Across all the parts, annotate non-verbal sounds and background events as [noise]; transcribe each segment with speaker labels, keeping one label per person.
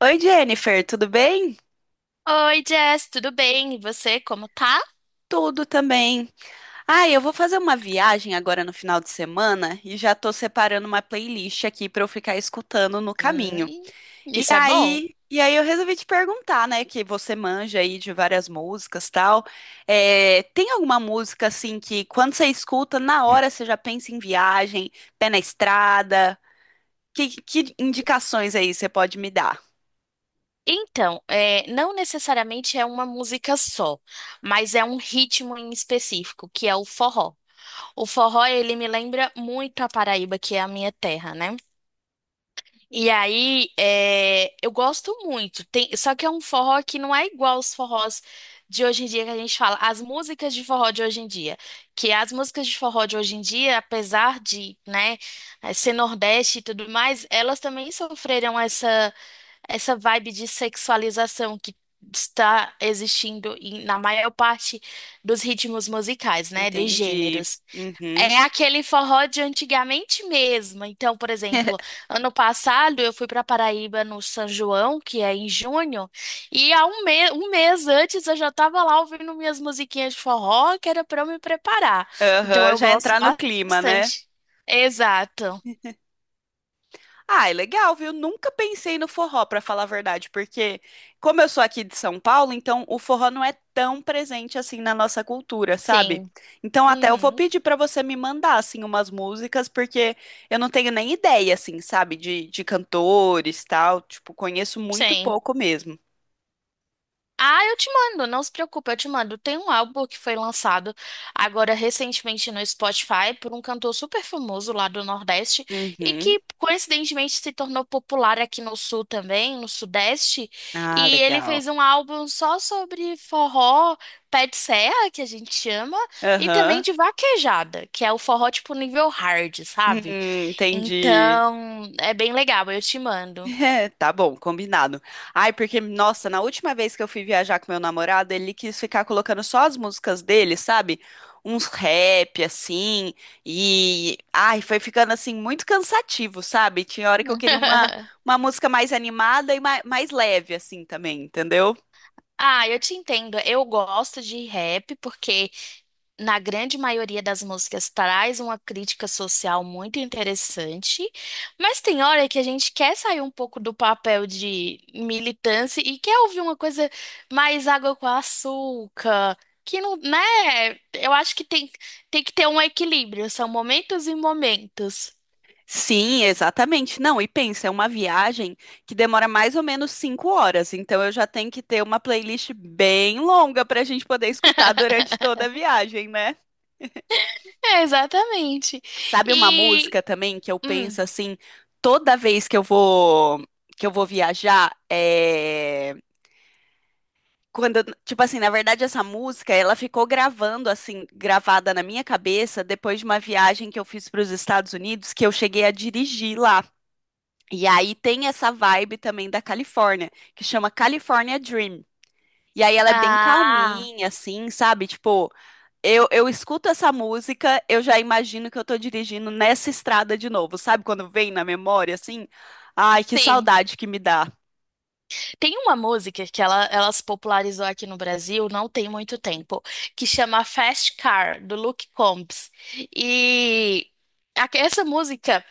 Speaker 1: Oi, Jennifer, tudo bem?
Speaker 2: Oi, Jess, tudo bem? E você, como tá?
Speaker 1: Tudo também. Ah, eu vou fazer uma viagem agora no final de semana e já tô separando uma playlist aqui pra eu ficar escutando no caminho.
Speaker 2: Hum,
Speaker 1: E
Speaker 2: isso é bom.
Speaker 1: aí, e aí eu resolvi te perguntar, né, que você manja aí de várias músicas, tal. É, tem alguma música assim que quando você escuta, na hora você já pensa em viagem, pé na estrada? Que indicações aí você pode me dar?
Speaker 2: Então, é, não necessariamente é uma música só, mas é um ritmo em específico, que é o forró. O forró, ele me lembra muito a Paraíba, que é a minha terra, né? E aí, é, eu gosto muito. Só que é um forró que não é igual os forrós de hoje em dia que a gente fala, as músicas de forró de hoje em dia. Que as músicas de forró de hoje em dia, apesar de, né, ser Nordeste e tudo mais, elas também sofreram essa vibe de sexualização que está existindo na maior parte dos ritmos musicais, né, dos
Speaker 1: Entendi.
Speaker 2: gêneros.
Speaker 1: Uhum.
Speaker 2: É aquele forró de antigamente mesmo. Então, por exemplo,
Speaker 1: [laughs]
Speaker 2: ano passado eu fui para Paraíba no São João, que é em junho, e há um, me um mês antes eu já estava lá ouvindo minhas musiquinhas de forró, que era para eu me preparar. Então,
Speaker 1: Aham,
Speaker 2: eu
Speaker 1: já
Speaker 2: gosto
Speaker 1: entrar no clima, né?
Speaker 2: bastante. Exato.
Speaker 1: Ah, é legal, viu? Nunca pensei no forró, pra falar a verdade, porque como eu sou aqui de São Paulo, então o forró não é tão presente assim na nossa cultura, sabe?
Speaker 2: Sim.
Speaker 1: Então até eu vou
Speaker 2: Uhum.
Speaker 1: pedir pra você me mandar assim umas músicas, porque eu não tenho nem ideia assim, sabe, de cantores, tal, tipo, conheço muito
Speaker 2: Sim.
Speaker 1: pouco mesmo.
Speaker 2: Ah, eu te mando, não se preocupe, eu te mando. Tem um álbum que foi lançado agora recentemente no Spotify por um cantor super famoso lá do Nordeste e
Speaker 1: Uhum.
Speaker 2: que coincidentemente se tornou popular aqui no Sul também, no Sudeste.
Speaker 1: Ah,
Speaker 2: E ele
Speaker 1: legal.
Speaker 2: fez um álbum só sobre forró, pé de serra, que a gente chama, e também
Speaker 1: Aham.
Speaker 2: de vaquejada, que é o forró tipo nível hard, sabe?
Speaker 1: Entendi.
Speaker 2: Então, é bem legal, eu te mando.
Speaker 1: É, tá bom, combinado. Ai, porque, nossa, na última vez que eu fui viajar com meu namorado, ele quis ficar colocando só as músicas dele, sabe? Uns rap, assim, e... Ai, foi ficando, assim, muito cansativo, sabe? Tinha hora que eu queria
Speaker 2: [laughs]
Speaker 1: uma música mais animada e mais leve, assim, também, entendeu?
Speaker 2: Ah, eu te entendo. Eu gosto de rap porque, na grande maioria das músicas, traz uma crítica social muito interessante. Mas tem hora que a gente quer sair um pouco do papel de militância e quer ouvir uma coisa mais água com açúcar. Que não, né? Eu acho que tem que ter um equilíbrio. São momentos e momentos.
Speaker 1: Sim, exatamente. Não, e pensa, é uma viagem que demora mais ou menos 5 horas, então eu já tenho que ter uma playlist bem longa pra gente poder escutar durante toda a viagem, né?
Speaker 2: É, exatamente.
Speaker 1: Sabe uma
Speaker 2: E.
Speaker 1: música também que eu
Speaker 2: hum,
Speaker 1: penso assim, toda vez que eu vou viajar, é quando, tipo assim, na verdade essa música, ela ficou gravada na minha cabeça depois de uma viagem que eu fiz para os Estados Unidos, que eu cheguei a dirigir lá. E aí tem essa vibe também da Califórnia, que chama California Dream. E aí ela é bem
Speaker 2: ah,
Speaker 1: calminha assim, sabe? Tipo, eu escuto essa música, eu já imagino que eu tô dirigindo nessa estrada de novo, sabe? Quando vem na memória, assim. Ai, que
Speaker 2: sim.
Speaker 1: saudade que me dá.
Speaker 2: Tem uma música que ela se popularizou aqui no Brasil não tem muito tempo, que chama Fast Car, do Luke Combs. E essa música.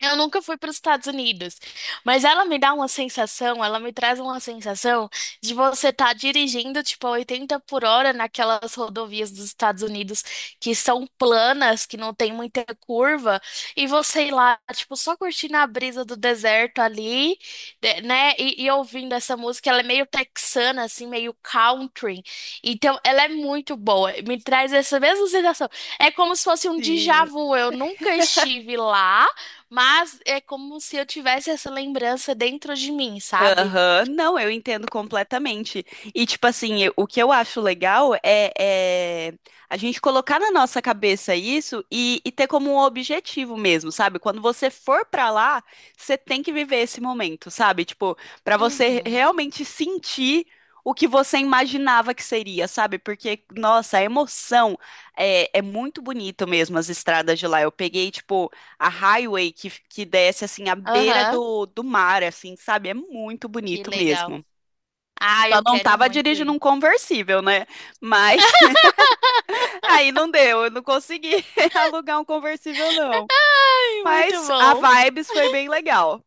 Speaker 2: Eu nunca fui para os Estados Unidos, mas ela me dá uma sensação, ela me traz uma sensação de você estar dirigindo tipo a 80 por hora naquelas rodovias dos Estados Unidos que são planas, que não tem muita curva, e você ir lá, tipo, só curtindo a brisa do deserto ali, né? E ouvindo essa música, ela é meio texana, assim, meio country. Então, ela é muito boa, me traz essa mesma sensação. É como se fosse um déjà
Speaker 1: Sim.
Speaker 2: vu. Eu nunca
Speaker 1: [laughs]
Speaker 2: estive lá. Mas é como se eu tivesse essa lembrança dentro de mim, sabe?
Speaker 1: Aham, não, eu entendo completamente. E, tipo assim, o que eu acho legal é a gente colocar na nossa cabeça isso e ter como um objetivo mesmo, sabe? Quando você for pra lá, você tem que viver esse momento, sabe? Tipo, pra você
Speaker 2: Uhum.
Speaker 1: realmente sentir o que você imaginava que seria, sabe? Porque, nossa, a emoção é muito bonito mesmo, as estradas de lá. Eu peguei, tipo a highway que desce assim à beira
Speaker 2: Aham.
Speaker 1: do mar, assim, sabe? É muito
Speaker 2: Que
Speaker 1: bonito
Speaker 2: legal.
Speaker 1: mesmo.
Speaker 2: Ah,
Speaker 1: Só
Speaker 2: eu
Speaker 1: não
Speaker 2: quero
Speaker 1: tava
Speaker 2: muito
Speaker 1: dirigindo
Speaker 2: ir.
Speaker 1: um conversível, né? Mas
Speaker 2: [laughs]
Speaker 1: [laughs] aí não deu, eu não consegui [laughs] alugar um conversível, não.
Speaker 2: Ai, muito
Speaker 1: Mas a
Speaker 2: bom.
Speaker 1: Vibes foi bem legal.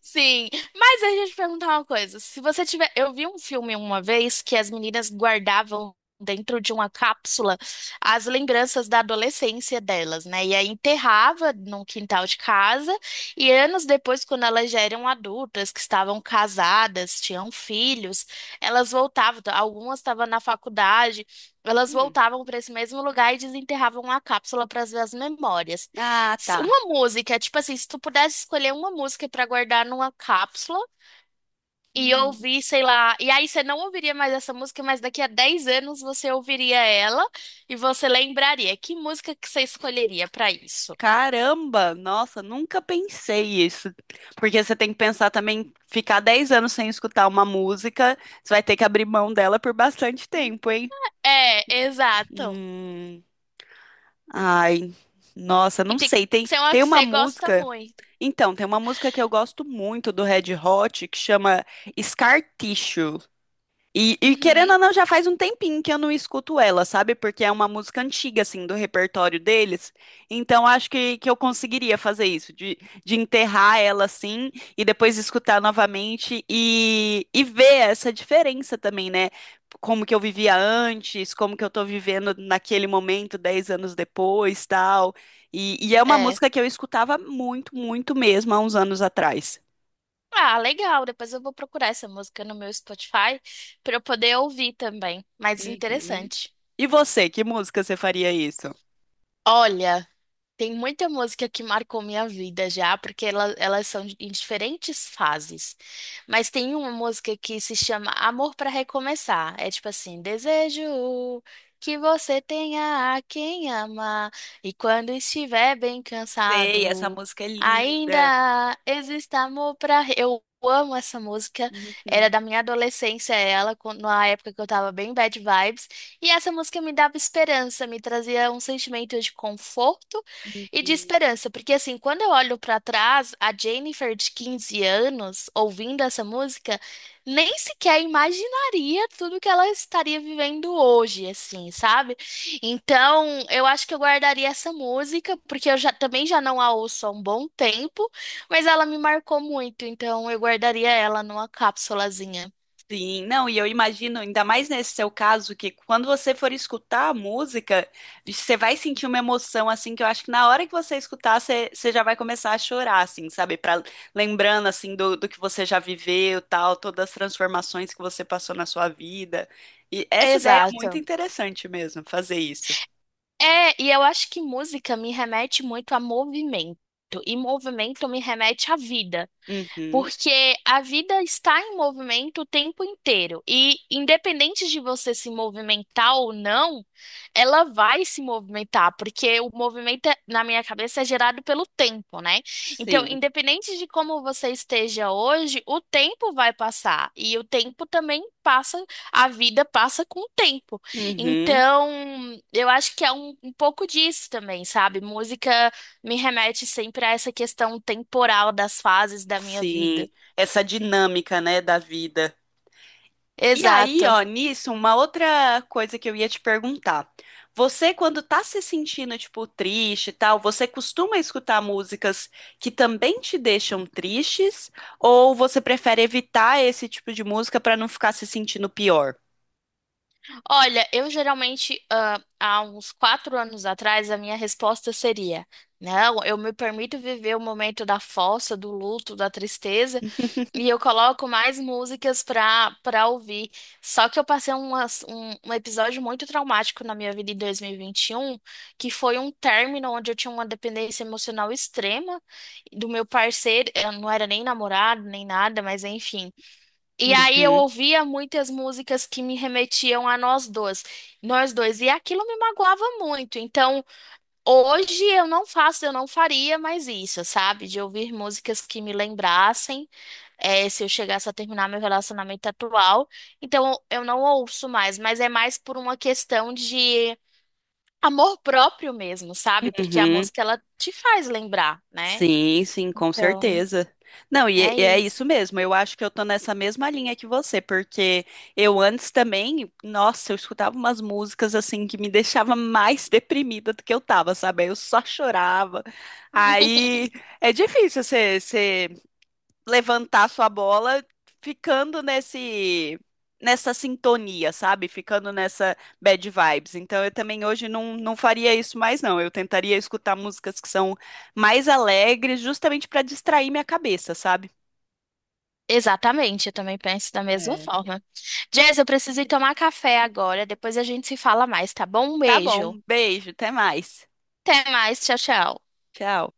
Speaker 2: Sim, mas a gente perguntar uma coisa. Se você tiver, eu vi um filme uma vez que as meninas guardavam dentro de uma cápsula as lembranças da adolescência delas, né? E aí enterrava num quintal de casa e anos depois, quando elas já eram adultas, que estavam casadas, tinham filhos, elas voltavam. Algumas estavam na faculdade, elas
Speaker 1: Hum.
Speaker 2: voltavam para esse mesmo lugar e desenterravam a cápsula para ver as memórias.
Speaker 1: Ah,
Speaker 2: S-
Speaker 1: tá.
Speaker 2: Uma música, tipo assim, se tu pudesse escolher uma música pra guardar numa cápsula e
Speaker 1: Hum.
Speaker 2: ouvir, sei lá, e aí você não ouviria mais essa música, mas daqui a 10 anos você ouviria ela e você lembraria. Que música que você escolheria pra isso?
Speaker 1: Caramba, nossa, nunca pensei isso. Porque você tem que pensar também, ficar 10 anos sem escutar uma música, você vai ter que abrir mão dela por bastante tempo, hein?
Speaker 2: É, exato.
Speaker 1: Hum. Ai, nossa,
Speaker 2: E
Speaker 1: não
Speaker 2: tem
Speaker 1: sei.
Speaker 2: que
Speaker 1: Tem,
Speaker 2: ser uma
Speaker 1: tem
Speaker 2: que
Speaker 1: uma
Speaker 2: você gosta
Speaker 1: música.
Speaker 2: muito.
Speaker 1: Então, tem uma música que eu gosto muito do Red Hot que chama Scar Tissue. E
Speaker 2: Uhum,
Speaker 1: querendo ou não, já faz um tempinho que eu não escuto ela, sabe? Porque é uma música antiga, assim, do repertório deles. Então, acho que eu conseguiria fazer isso, de enterrar ela, assim, e depois escutar novamente e ver essa diferença também, né? Como que eu vivia antes, como que eu tô vivendo naquele momento, 10 anos depois, tal. E é uma
Speaker 2: é.
Speaker 1: música que eu escutava muito, muito mesmo, há uns anos atrás.
Speaker 2: Ah, legal. Depois eu vou procurar essa música no meu Spotify pra eu poder ouvir também. Mas
Speaker 1: Uhum.
Speaker 2: interessante.
Speaker 1: E você, que música você faria isso?
Speaker 2: Olha, tem muita música que marcou minha vida já, porque elas são em diferentes fases. Mas tem uma música que se chama Amor para Recomeçar. É tipo assim: desejo que você tenha a quem amar, e quando estiver bem
Speaker 1: Sei, essa
Speaker 2: cansado,
Speaker 1: música é linda.
Speaker 2: ainda exista amor para. Eu amo essa música, era
Speaker 1: Uhum,
Speaker 2: da minha adolescência, ela, na época que eu tava bem bad vibes. E essa música me dava esperança, me trazia um sentimento de conforto e de
Speaker 1: uhum.
Speaker 2: esperança, porque assim, quando eu olho pra trás, a Jennifer de 15 anos ouvindo essa música, nem sequer imaginaria tudo que ela estaria vivendo hoje, assim, sabe? Então, eu acho que eu guardaria essa música, porque eu já também já não a ouço há um bom tempo, mas ela me marcou muito, então eu guardaria ela numa cápsulazinha.
Speaker 1: Sim, não, e eu imagino, ainda mais nesse seu caso, que quando você for escutar a música, você vai sentir uma emoção, assim, que eu acho que na hora que você escutar, você já vai começar a chorar, assim, sabe? Pra, lembrando, assim, do que você já viveu, tal, todas as transformações que você passou na sua vida. E essa ideia é muito
Speaker 2: Exato.
Speaker 1: interessante mesmo, fazer isso.
Speaker 2: É, e eu acho que música me remete muito a movimento, e movimento me remete à vida.
Speaker 1: Uhum,
Speaker 2: Porque a vida está em movimento o tempo inteiro. E independente de você se movimentar ou não, ela vai se movimentar, porque o movimento, na minha cabeça, é gerado pelo tempo, né? Então,
Speaker 1: sim.
Speaker 2: independente de como você esteja hoje, o tempo vai passar. E o tempo também passa, a vida passa com o tempo.
Speaker 1: Uhum,
Speaker 2: Então, eu acho que é um pouco disso também, sabe? Música. Me remete sempre a essa questão temporal das fases da minha vida.
Speaker 1: sim. Essa dinâmica, né, da vida. E aí,
Speaker 2: Exato.
Speaker 1: ó, nisso, uma outra coisa que eu ia te perguntar. Você, quando tá se sentindo, tipo, triste e tal, você costuma escutar músicas que também te deixam tristes? Ou você prefere evitar esse tipo de música pra não ficar se sentindo pior?
Speaker 2: Olha, eu geralmente, há uns 4 anos atrás, a minha resposta seria: não, eu me permito viver o momento da fossa, do luto, da tristeza, e
Speaker 1: [laughs]
Speaker 2: eu coloco mais músicas pra ouvir. Só que eu passei um episódio muito traumático na minha vida em dois mil e vinte e um que foi um término onde eu tinha uma dependência emocional extrema do meu parceiro. Eu não era nem namorado, nem nada, mas enfim. E aí eu
Speaker 1: Uhum,
Speaker 2: ouvia muitas músicas que me remetiam a nós dois. Nós dois. E aquilo me magoava muito. Então, hoje eu não faço, eu não faria mais isso, sabe? De ouvir músicas que me lembrassem é, se eu chegasse a terminar meu relacionamento atual. Então eu não ouço mais, mas é mais por uma questão de amor próprio mesmo, sabe? Porque a
Speaker 1: uhum.
Speaker 2: música ela te faz lembrar, né?
Speaker 1: Sim, sim, com
Speaker 2: Então
Speaker 1: certeza. Não, e,
Speaker 2: é
Speaker 1: e é isso
Speaker 2: isso.
Speaker 1: mesmo. Eu acho que eu tô nessa mesma linha que você, porque eu antes também, nossa, eu escutava umas músicas assim que me deixava mais [laughs] deprimida do que eu tava, sabe? Aí eu só chorava. Aí é difícil você levantar sua bola ficando nesse nessa sintonia, sabe? Ficando nessa bad vibes. Então eu também hoje não faria isso mais, não. Eu tentaria escutar músicas que são mais alegres, justamente para distrair minha cabeça, sabe?
Speaker 2: Exatamente, eu também penso da mesma
Speaker 1: É.
Speaker 2: forma. Jess, eu preciso ir tomar café agora, depois a gente se fala mais, tá bom? Um
Speaker 1: Tá
Speaker 2: beijo.
Speaker 1: bom, beijo, até mais.
Speaker 2: Até mais, tchau, tchau.
Speaker 1: Tchau.